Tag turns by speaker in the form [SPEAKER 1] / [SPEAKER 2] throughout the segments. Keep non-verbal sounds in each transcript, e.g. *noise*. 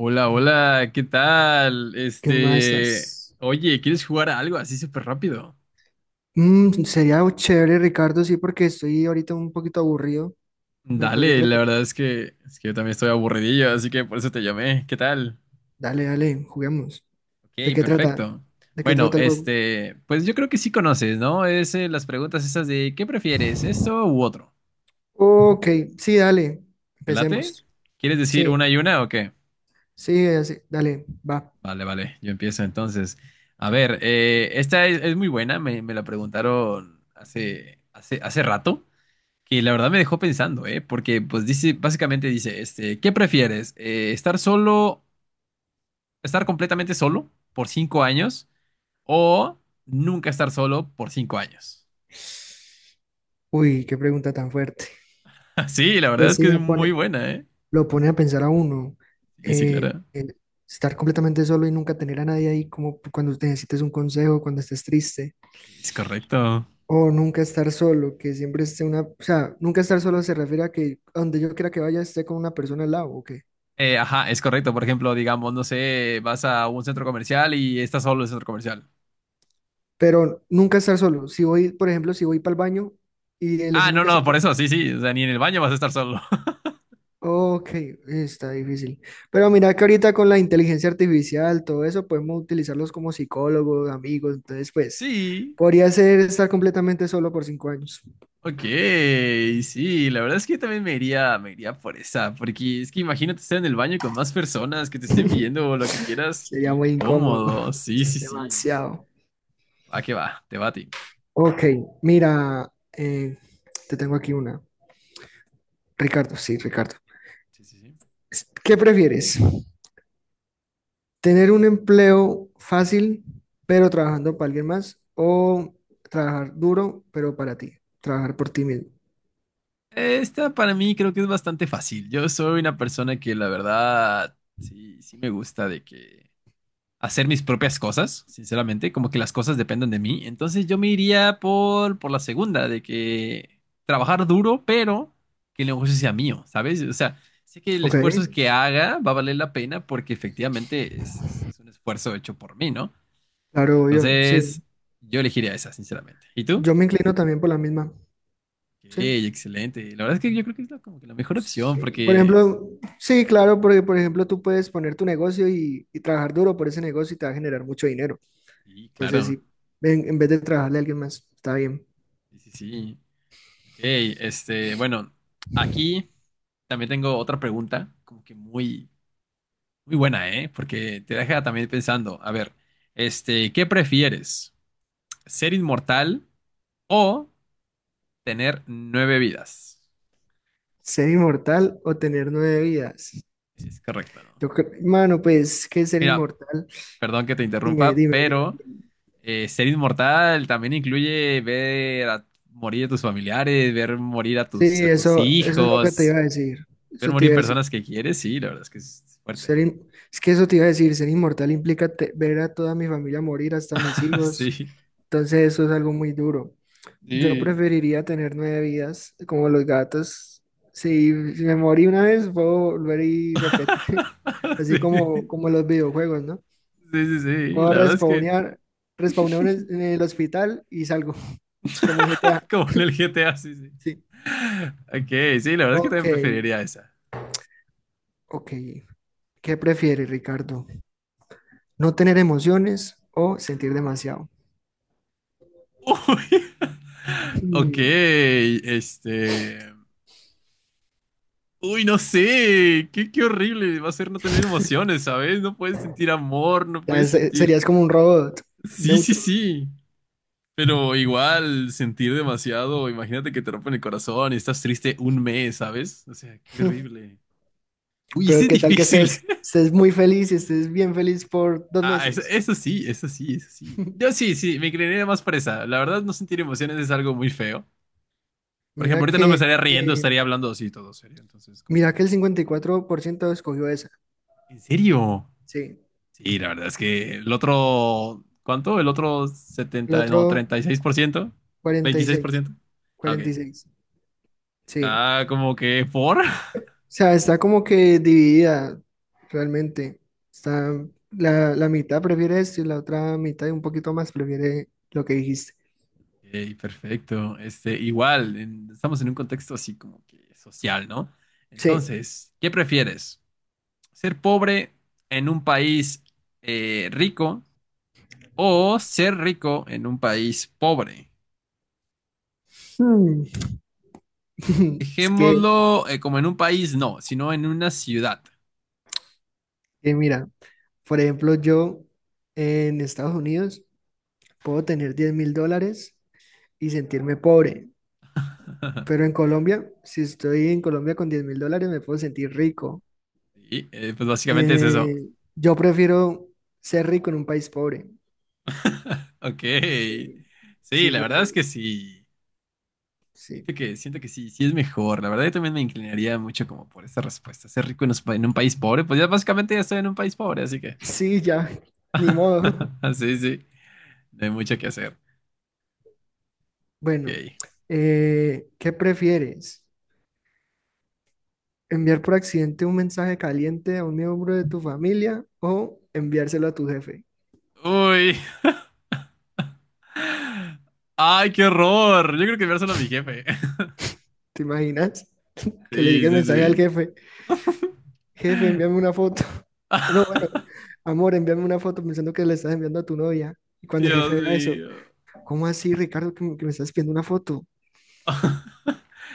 [SPEAKER 1] Hola, hola, ¿qué tal?
[SPEAKER 2] ¿Qué más
[SPEAKER 1] Este,
[SPEAKER 2] estás?
[SPEAKER 1] oye, ¿quieres jugar a algo así súper rápido?
[SPEAKER 2] Sería algo chévere, Ricardo, sí, porque estoy ahorita un poquito aburrido. Me podría
[SPEAKER 1] Dale, la
[SPEAKER 2] entretener.
[SPEAKER 1] verdad es que yo también estoy aburridillo, así que por eso te llamé. ¿Qué tal?
[SPEAKER 2] Dale, dale, juguemos.
[SPEAKER 1] Ok,
[SPEAKER 2] ¿De qué trata?
[SPEAKER 1] perfecto.
[SPEAKER 2] ¿De qué
[SPEAKER 1] Bueno,
[SPEAKER 2] trata el juego?
[SPEAKER 1] este, pues yo creo que sí conoces, ¿no? Es las preguntas esas de ¿qué prefieres, esto u otro?
[SPEAKER 2] Ok, sí, dale.
[SPEAKER 1] ¿Te late?
[SPEAKER 2] Empecemos.
[SPEAKER 1] ¿Quieres decir
[SPEAKER 2] Sí,
[SPEAKER 1] una y una o qué?
[SPEAKER 2] sí, así, dale, va.
[SPEAKER 1] Vale, vale, yo empiezo entonces. A ver, esta es muy buena, me la preguntaron hace rato. Que la verdad me dejó pensando, ¿eh? Porque pues dice, básicamente dice, este, ¿qué prefieres? ¿Estar solo, estar completamente solo por 5 años o nunca estar solo por 5 años?
[SPEAKER 2] Uy, qué pregunta tan fuerte.
[SPEAKER 1] *laughs* Sí, la
[SPEAKER 2] Que
[SPEAKER 1] verdad es
[SPEAKER 2] sí
[SPEAKER 1] que es
[SPEAKER 2] me
[SPEAKER 1] muy
[SPEAKER 2] pone,
[SPEAKER 1] buena, ¿eh?
[SPEAKER 2] lo pone a pensar a uno.
[SPEAKER 1] Sí, sí,
[SPEAKER 2] eh,
[SPEAKER 1] claro.
[SPEAKER 2] eh, Estar completamente solo y nunca tener a nadie ahí, como cuando te necesites un consejo, cuando estés triste.
[SPEAKER 1] Es correcto.
[SPEAKER 2] O nunca estar solo, que siempre esté una, o sea, nunca estar solo se refiere a que a donde yo quiera que vaya esté con una persona al lado, ¿o qué?
[SPEAKER 1] Ajá, es correcto. Por ejemplo, digamos, no sé, vas a un centro comercial y estás solo en el centro comercial.
[SPEAKER 2] Pero nunca estar solo. Si voy, por ejemplo, si voy para el baño y elegí
[SPEAKER 1] Ah, no,
[SPEAKER 2] nunca
[SPEAKER 1] no,
[SPEAKER 2] estar
[SPEAKER 1] por
[SPEAKER 2] solo.
[SPEAKER 1] eso, sí, sí. O sea, ni en el baño vas a estar solo. *laughs*
[SPEAKER 2] Ok, está difícil. Pero mira que ahorita con la inteligencia artificial, todo eso, podemos utilizarlos como psicólogos, amigos. Entonces, pues,
[SPEAKER 1] Sí.
[SPEAKER 2] podría ser estar completamente solo por 5 años.
[SPEAKER 1] Ok, sí, la verdad es que yo también me iría por esa, porque es que imagínate estar en el baño con más personas que te estén
[SPEAKER 2] *laughs*
[SPEAKER 1] viendo o lo que quieras. Qué
[SPEAKER 2] Sería muy incómodo.
[SPEAKER 1] incómodo. Sí,
[SPEAKER 2] *laughs*
[SPEAKER 1] sí, sí.
[SPEAKER 2] Demasiado.
[SPEAKER 1] Va que va, te va a ti.
[SPEAKER 2] Ok, mira, eh, te tengo aquí una. Ricardo, sí, Ricardo.
[SPEAKER 1] Sí, sí, sí.
[SPEAKER 2] ¿Qué prefieres? ¿Tener un empleo fácil, pero trabajando para alguien más? ¿O trabajar duro, pero para ti? Trabajar por ti mismo.
[SPEAKER 1] Esta para mí creo que es bastante fácil. Yo soy una persona que la verdad sí, sí me gusta de que hacer mis propias cosas, sinceramente, como que las cosas dependen de mí. Entonces yo me iría por la segunda, de que trabajar duro, pero que el negocio sea mío, ¿sabes? O sea, sé que el
[SPEAKER 2] Ok,
[SPEAKER 1] esfuerzo que haga va a valer la pena porque efectivamente es un esfuerzo hecho por mí, ¿no?
[SPEAKER 2] claro, yo, sí.
[SPEAKER 1] Entonces yo elegiría esa, sinceramente. ¿Y tú?
[SPEAKER 2] Yo me inclino también por la misma,
[SPEAKER 1] Ok,
[SPEAKER 2] ¿sí?
[SPEAKER 1] excelente. La verdad es que yo creo que es como que la mejor opción
[SPEAKER 2] Sí, por
[SPEAKER 1] porque...
[SPEAKER 2] ejemplo, sí, claro, porque por ejemplo tú puedes poner tu negocio y trabajar duro por ese negocio y te va a generar mucho dinero.
[SPEAKER 1] Sí,
[SPEAKER 2] Entonces,
[SPEAKER 1] claro.
[SPEAKER 2] sí, en vez de trabajarle a alguien más, está bien.
[SPEAKER 1] Sí, sí, sí. Ok, este, bueno, aquí... También tengo otra pregunta, como que muy, muy buena, ¿eh? Porque te deja también pensando, a ver, este, ¿qué prefieres? ¿Ser inmortal o tener nueve vidas?
[SPEAKER 2] ¿Ser inmortal o tener nueve vidas?
[SPEAKER 1] Es correcto, ¿no?
[SPEAKER 2] Mano, pues, ¿qué es ser
[SPEAKER 1] Mira,
[SPEAKER 2] inmortal?
[SPEAKER 1] perdón que te
[SPEAKER 2] Dime,
[SPEAKER 1] interrumpa,
[SPEAKER 2] dime, dime.
[SPEAKER 1] pero ser inmortal también incluye ver a morir a tus familiares, ver morir a
[SPEAKER 2] Sí,
[SPEAKER 1] tus, a tus
[SPEAKER 2] eso es lo que te iba
[SPEAKER 1] hijos,
[SPEAKER 2] a decir.
[SPEAKER 1] ver
[SPEAKER 2] Eso te
[SPEAKER 1] morir
[SPEAKER 2] iba a decir.
[SPEAKER 1] personas que quieres, sí, la verdad es que es fuerte.
[SPEAKER 2] Es que eso te iba a decir, ser inmortal implica ver a toda mi familia morir, hasta mis
[SPEAKER 1] *laughs*
[SPEAKER 2] hijos.
[SPEAKER 1] Sí,
[SPEAKER 2] Entonces, eso es algo muy duro. Yo
[SPEAKER 1] sí.
[SPEAKER 2] preferiría tener nueve vidas, como los gatos. Si, si me morí una vez, puedo volver y repetir. *laughs*
[SPEAKER 1] *laughs*
[SPEAKER 2] Así
[SPEAKER 1] Sí.
[SPEAKER 2] como, como los videojuegos, ¿no?
[SPEAKER 1] Sí, sí, sí.
[SPEAKER 2] Puedo
[SPEAKER 1] La verdad es que,
[SPEAKER 2] respawnear, respawnear en el hospital y salgo, *laughs* como GTA.
[SPEAKER 1] *laughs* como en el GTA, sí, sí.
[SPEAKER 2] Sí.
[SPEAKER 1] Ok, sí, la verdad es que
[SPEAKER 2] Ok,
[SPEAKER 1] también preferiría esa.
[SPEAKER 2] ok. ¿Qué prefiere, Ricardo? ¿No tener emociones o sentir demasiado?
[SPEAKER 1] Uy. *laughs* Ok,
[SPEAKER 2] Hmm,
[SPEAKER 1] este. Uy, no sé. Qué horrible va a ser no tener emociones, ¿sabes? No puedes sentir amor, no puedes sentir.
[SPEAKER 2] Serías como un robot
[SPEAKER 1] Sí, sí,
[SPEAKER 2] neutro.
[SPEAKER 1] sí. Pero igual, sentir demasiado. Imagínate que te rompen el corazón y estás triste un mes, ¿sabes? O sea, qué
[SPEAKER 2] *laughs*
[SPEAKER 1] horrible. Uy, ese
[SPEAKER 2] Pero
[SPEAKER 1] es
[SPEAKER 2] qué tal que
[SPEAKER 1] difícil.
[SPEAKER 2] estés muy feliz y estés bien feliz por dos
[SPEAKER 1] Ah, eso,
[SPEAKER 2] meses.
[SPEAKER 1] eso sí, eso sí, eso sí. Yo
[SPEAKER 2] *laughs*
[SPEAKER 1] sí, sí, me creería más presa. La verdad, no sentir emociones es algo muy feo. Por ejemplo,
[SPEAKER 2] Mira
[SPEAKER 1] ahorita no me
[SPEAKER 2] que,
[SPEAKER 1] estaría riendo,
[SPEAKER 2] eh,
[SPEAKER 1] estaría hablando así todo serio. Entonces, ¿cómo
[SPEAKER 2] mira
[SPEAKER 1] para
[SPEAKER 2] que
[SPEAKER 1] qué?
[SPEAKER 2] el 54% escogió esa.
[SPEAKER 1] ¿En serio?
[SPEAKER 2] Sí.
[SPEAKER 1] Sí, la verdad es que el otro, ¿cuánto? El otro
[SPEAKER 2] El
[SPEAKER 1] 70, no,
[SPEAKER 2] otro
[SPEAKER 1] 36%, no,
[SPEAKER 2] cuarenta cuarenta y
[SPEAKER 1] veintiséis por
[SPEAKER 2] seis,
[SPEAKER 1] ciento. Ah, ok.
[SPEAKER 2] 46. Sí.
[SPEAKER 1] Está como que por.
[SPEAKER 2] Sea, está como que dividida realmente. Está la mitad prefiere esto y la otra mitad y un poquito más prefiere lo que dijiste.
[SPEAKER 1] Ok, perfecto. Este, igual, estamos en un contexto así como que social, ¿no?
[SPEAKER 2] Sí.
[SPEAKER 1] Entonces, ¿qué prefieres? Ser pobre en un país rico o ser rico en un país pobre.
[SPEAKER 2] Hmm. *laughs* Es
[SPEAKER 1] Dejémoslo como en un país, no, sino en una ciudad.
[SPEAKER 2] que mira, por ejemplo, yo en Estados Unidos puedo tener 10.000 dólares y sentirme pobre, pero en
[SPEAKER 1] *laughs*
[SPEAKER 2] Colombia, si estoy en Colombia con 10.000 dólares, me puedo sentir rico.
[SPEAKER 1] Sí, pues básicamente es eso.
[SPEAKER 2] Eh, yo prefiero ser rico en un país pobre.
[SPEAKER 1] *laughs* Ok.
[SPEAKER 2] Sí,
[SPEAKER 1] Sí,
[SPEAKER 2] sí,
[SPEAKER 1] la verdad es
[SPEAKER 2] prefiero,
[SPEAKER 1] que sí.
[SPEAKER 2] sí.
[SPEAKER 1] Siento que sí, sí es mejor. La verdad yo también me inclinaría mucho como por esta respuesta. Ser rico en un país pobre, pues ya básicamente ya estoy en un país pobre, así que.
[SPEAKER 2] Sí, ya, ni modo.
[SPEAKER 1] *laughs* Sí, sí, no hay mucho que hacer.
[SPEAKER 2] Bueno,
[SPEAKER 1] Ok.
[SPEAKER 2] ¿qué prefieres? ¿Enviar por accidente un mensaje caliente a un miembro de tu familia o enviárselo a tu jefe?
[SPEAKER 1] Uy, ay, qué horror. Yo creo que enviárselo a mi jefe. *laughs*
[SPEAKER 2] ¿Te imaginas? Que le
[SPEAKER 1] Sí,
[SPEAKER 2] llegue el mensaje al
[SPEAKER 1] sí,
[SPEAKER 2] jefe. Jefe,
[SPEAKER 1] sí.
[SPEAKER 2] envíame
[SPEAKER 1] *laughs*
[SPEAKER 2] una foto. *laughs* No, bueno, amor, envíame una foto pensando que le estás enviando a tu novia. Y cuando el
[SPEAKER 1] Dios
[SPEAKER 2] jefe vea eso,
[SPEAKER 1] mío.
[SPEAKER 2] ¿cómo así, Ricardo, que que me estás pidiendo una foto?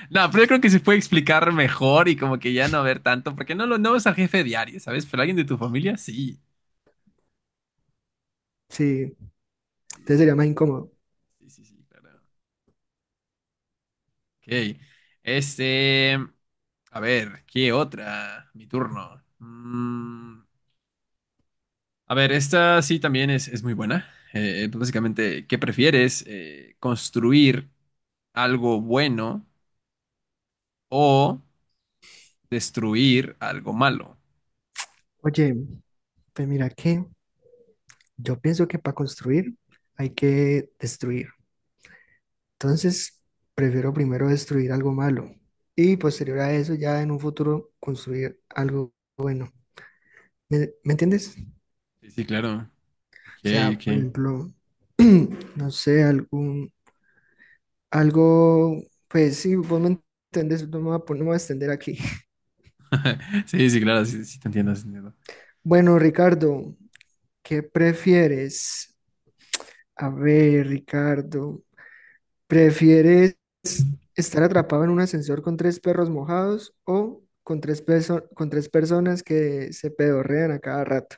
[SPEAKER 1] No, pero yo creo que se puede explicar mejor y como que ya no ver tanto, porque no es al jefe diario, ¿sabes? Pero alguien de tu familia, sí.
[SPEAKER 2] Sí,
[SPEAKER 1] Sí,
[SPEAKER 2] entonces
[SPEAKER 1] la
[SPEAKER 2] sería
[SPEAKER 1] verdad.
[SPEAKER 2] más incómodo.
[SPEAKER 1] Sí, sí, sí, claro. Ok. Este. A ver, ¿qué otra? Mi turno. A ver, esta sí también es muy buena. Pues básicamente, ¿qué prefieres? ¿Construir algo bueno o destruir algo malo?
[SPEAKER 2] Oye, pues mira que yo pienso que para construir hay que destruir. Entonces, prefiero primero destruir algo malo y posterior a eso ya en un futuro construir algo. ¿Me entiendes? O
[SPEAKER 1] Sí, sí, claro. Ok,
[SPEAKER 2] sea, por
[SPEAKER 1] ok.
[SPEAKER 2] ejemplo, no sé, algún, algo, pues sí, vos me entendés, no me voy a, no me voy a extender aquí. *laughs*
[SPEAKER 1] *laughs* Sí, sí, claro, sí, sí te entiendo, sí te entiendo.
[SPEAKER 2] Bueno, Ricardo, ¿qué prefieres? A ver, Ricardo, ¿prefieres estar atrapado en un ascensor con tres perros mojados o con tres personas que se pedorrean a cada rato?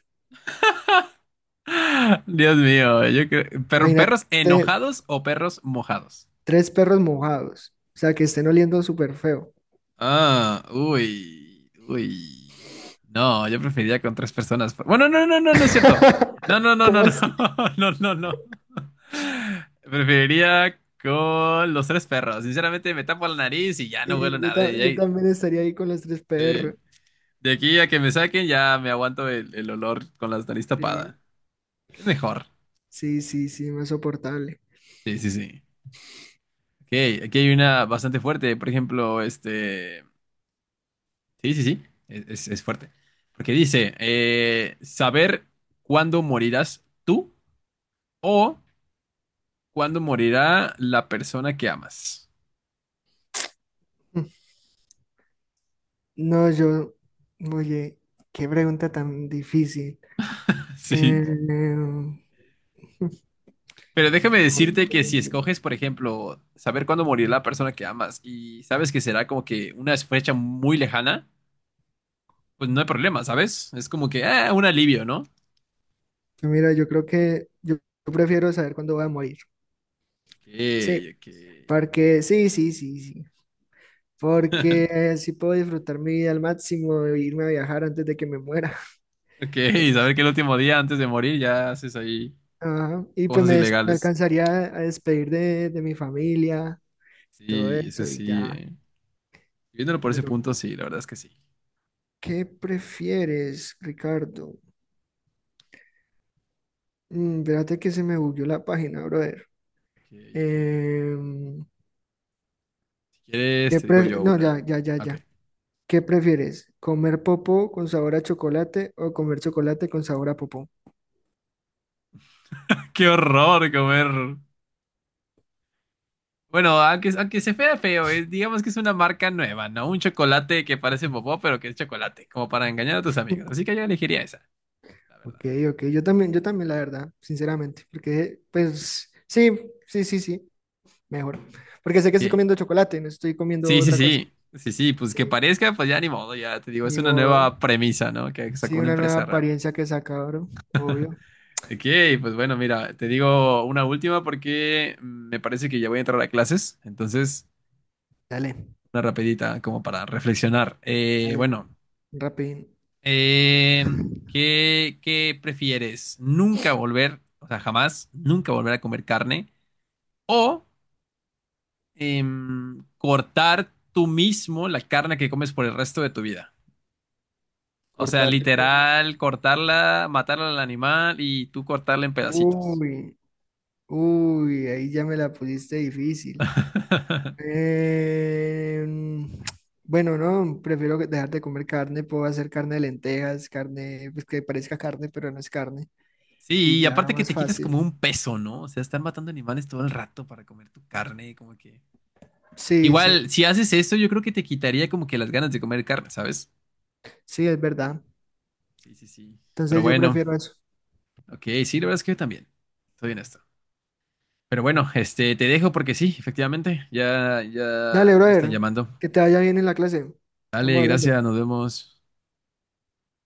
[SPEAKER 1] *gasps* *laughs* Dios mío, yo creo. Pero,
[SPEAKER 2] Imagínate
[SPEAKER 1] ¿perros enojados o perros mojados?
[SPEAKER 2] tres perros mojados, o sea, que estén oliendo súper feo.
[SPEAKER 1] Ah, uy, uy. No, yo preferiría con tres personas. Bueno, no, no, no, no es cierto. No,
[SPEAKER 2] *laughs*
[SPEAKER 1] no, no, no,
[SPEAKER 2] ¿Cómo
[SPEAKER 1] no,
[SPEAKER 2] así?
[SPEAKER 1] *laughs* no, no, no. Preferiría con los tres perros. Sinceramente, me tapo la nariz y ya no huelo
[SPEAKER 2] Sí, yo,
[SPEAKER 1] nada.
[SPEAKER 2] yo también estaría ahí con los tres
[SPEAKER 1] Sí.
[SPEAKER 2] perros.
[SPEAKER 1] De aquí a que me saquen, ya me aguanto el olor con la nariz
[SPEAKER 2] Sí,
[SPEAKER 1] tapada. Es mejor.
[SPEAKER 2] sí, sí, sí, más soportable.
[SPEAKER 1] Sí, sí, sí. Ok, aquí hay una bastante fuerte. Por ejemplo, este. Sí, sí, sí. Es fuerte. Porque dice: saber cuándo morirás tú o cuándo morirá la persona que amas.
[SPEAKER 2] *laughs* Mm. No, yo, oye, qué pregunta tan difícil.
[SPEAKER 1] *laughs* Sí.
[SPEAKER 2] Eh,
[SPEAKER 1] Pero déjame decirte que si
[SPEAKER 2] *laughs*
[SPEAKER 1] escoges, por ejemplo, saber cuándo morirá la persona que amas y sabes que será como que una fecha muy lejana. Pues no hay problema, ¿sabes? Es como que, ah, un alivio, ¿no?
[SPEAKER 2] mira, yo creo que yo prefiero saber cuándo voy a morir.
[SPEAKER 1] Ok,
[SPEAKER 2] Sí,
[SPEAKER 1] ok.
[SPEAKER 2] porque sí, sí, sí, sí. Porque así puedo disfrutar mi vida al máximo e irme a viajar antes de que me muera.
[SPEAKER 1] Ok, *laughs*
[SPEAKER 2] Entonces,
[SPEAKER 1] saber que el último día antes de morir ya haces ahí
[SPEAKER 2] ajá. Y pues
[SPEAKER 1] cosas
[SPEAKER 2] me, me
[SPEAKER 1] ilegales.
[SPEAKER 2] alcanzaría a despedir de mi familia, todo
[SPEAKER 1] Sí, ese
[SPEAKER 2] eso y
[SPEAKER 1] sí.
[SPEAKER 2] ya.
[SPEAKER 1] Viéndolo por ese
[SPEAKER 2] Bueno,
[SPEAKER 1] punto, sí, la verdad es que sí.
[SPEAKER 2] ¿qué prefieres, Ricardo? Espérate que se me bugueó la página, brother.
[SPEAKER 1] Ok, ok.
[SPEAKER 2] Em,
[SPEAKER 1] Si quieres, te digo yo
[SPEAKER 2] no,
[SPEAKER 1] una.
[SPEAKER 2] ya, ya, ya,
[SPEAKER 1] Ok.
[SPEAKER 2] ya. ¿Qué prefieres? ¿Comer popó con sabor a chocolate o comer chocolate con sabor a popó?
[SPEAKER 1] *laughs* Qué horror comer. Bueno, aunque se vea feo, digamos que es una marca nueva, ¿no? Un chocolate que parece popó, pero que es chocolate, como para engañar a tus amigos. Así que
[SPEAKER 2] *laughs*
[SPEAKER 1] yo elegiría esa, la verdad.
[SPEAKER 2] Ok, ok. Yo también, la verdad, sinceramente. Porque, pues, sí, sí, sí, sí. Mejor. Porque sé que estoy
[SPEAKER 1] Ok.
[SPEAKER 2] comiendo chocolate, no estoy comiendo
[SPEAKER 1] Sí, sí,
[SPEAKER 2] otra cosa.
[SPEAKER 1] sí. Sí, sí, pues
[SPEAKER 2] Sí,
[SPEAKER 1] que parezca, pues ya ni modo, ya te digo, es
[SPEAKER 2] ni
[SPEAKER 1] una
[SPEAKER 2] modo.
[SPEAKER 1] nueva premisa, ¿no? Que sacó
[SPEAKER 2] Sí,
[SPEAKER 1] una
[SPEAKER 2] una nueva
[SPEAKER 1] empresa rara.
[SPEAKER 2] apariencia que saca, bro. Obvio.
[SPEAKER 1] Ok, pues bueno, mira, te digo una última porque me parece que ya voy a entrar a clases, entonces
[SPEAKER 2] Dale,
[SPEAKER 1] una rapidita como para reflexionar. Eh,
[SPEAKER 2] dale.
[SPEAKER 1] bueno,
[SPEAKER 2] Rapidín.
[SPEAKER 1] eh, ¿qué prefieres? ¿Nunca volver, o sea, jamás, nunca volver a comer carne o cortar tú mismo la carne que comes por el resto de tu vida? O sea,
[SPEAKER 2] Cortar yo mismo.
[SPEAKER 1] literal, cortarla, matarla al animal y tú cortarla en pedacitos.
[SPEAKER 2] Uy, uy, ahí ya me la pusiste difícil.
[SPEAKER 1] *laughs*
[SPEAKER 2] Em, bueno, no, prefiero dejar de comer carne. Puedo hacer carne de lentejas, carne, pues que parezca carne, pero no es carne. Y
[SPEAKER 1] Sí, y
[SPEAKER 2] ya
[SPEAKER 1] aparte que
[SPEAKER 2] más
[SPEAKER 1] te quitas como
[SPEAKER 2] fácil.
[SPEAKER 1] un peso, ¿no? O sea, estar matando animales todo el rato para comer tu carne, como que...
[SPEAKER 2] Sí, sí,
[SPEAKER 1] Igual, si haces eso, yo creo que te quitaría como que las ganas de comer carne, ¿sabes?
[SPEAKER 2] sí, es verdad.
[SPEAKER 1] Sí, sí, sí. Pero
[SPEAKER 2] Entonces yo
[SPEAKER 1] bueno,
[SPEAKER 2] prefiero eso.
[SPEAKER 1] ok, sí, la verdad es que yo también. Estoy en esto. Pero bueno, este, te dejo porque sí, efectivamente, ya, ya,
[SPEAKER 2] Dale,
[SPEAKER 1] ya me están
[SPEAKER 2] brother,
[SPEAKER 1] llamando.
[SPEAKER 2] que te vaya bien en la clase.
[SPEAKER 1] Dale,
[SPEAKER 2] Estamos hablando.
[SPEAKER 1] gracias, nos vemos.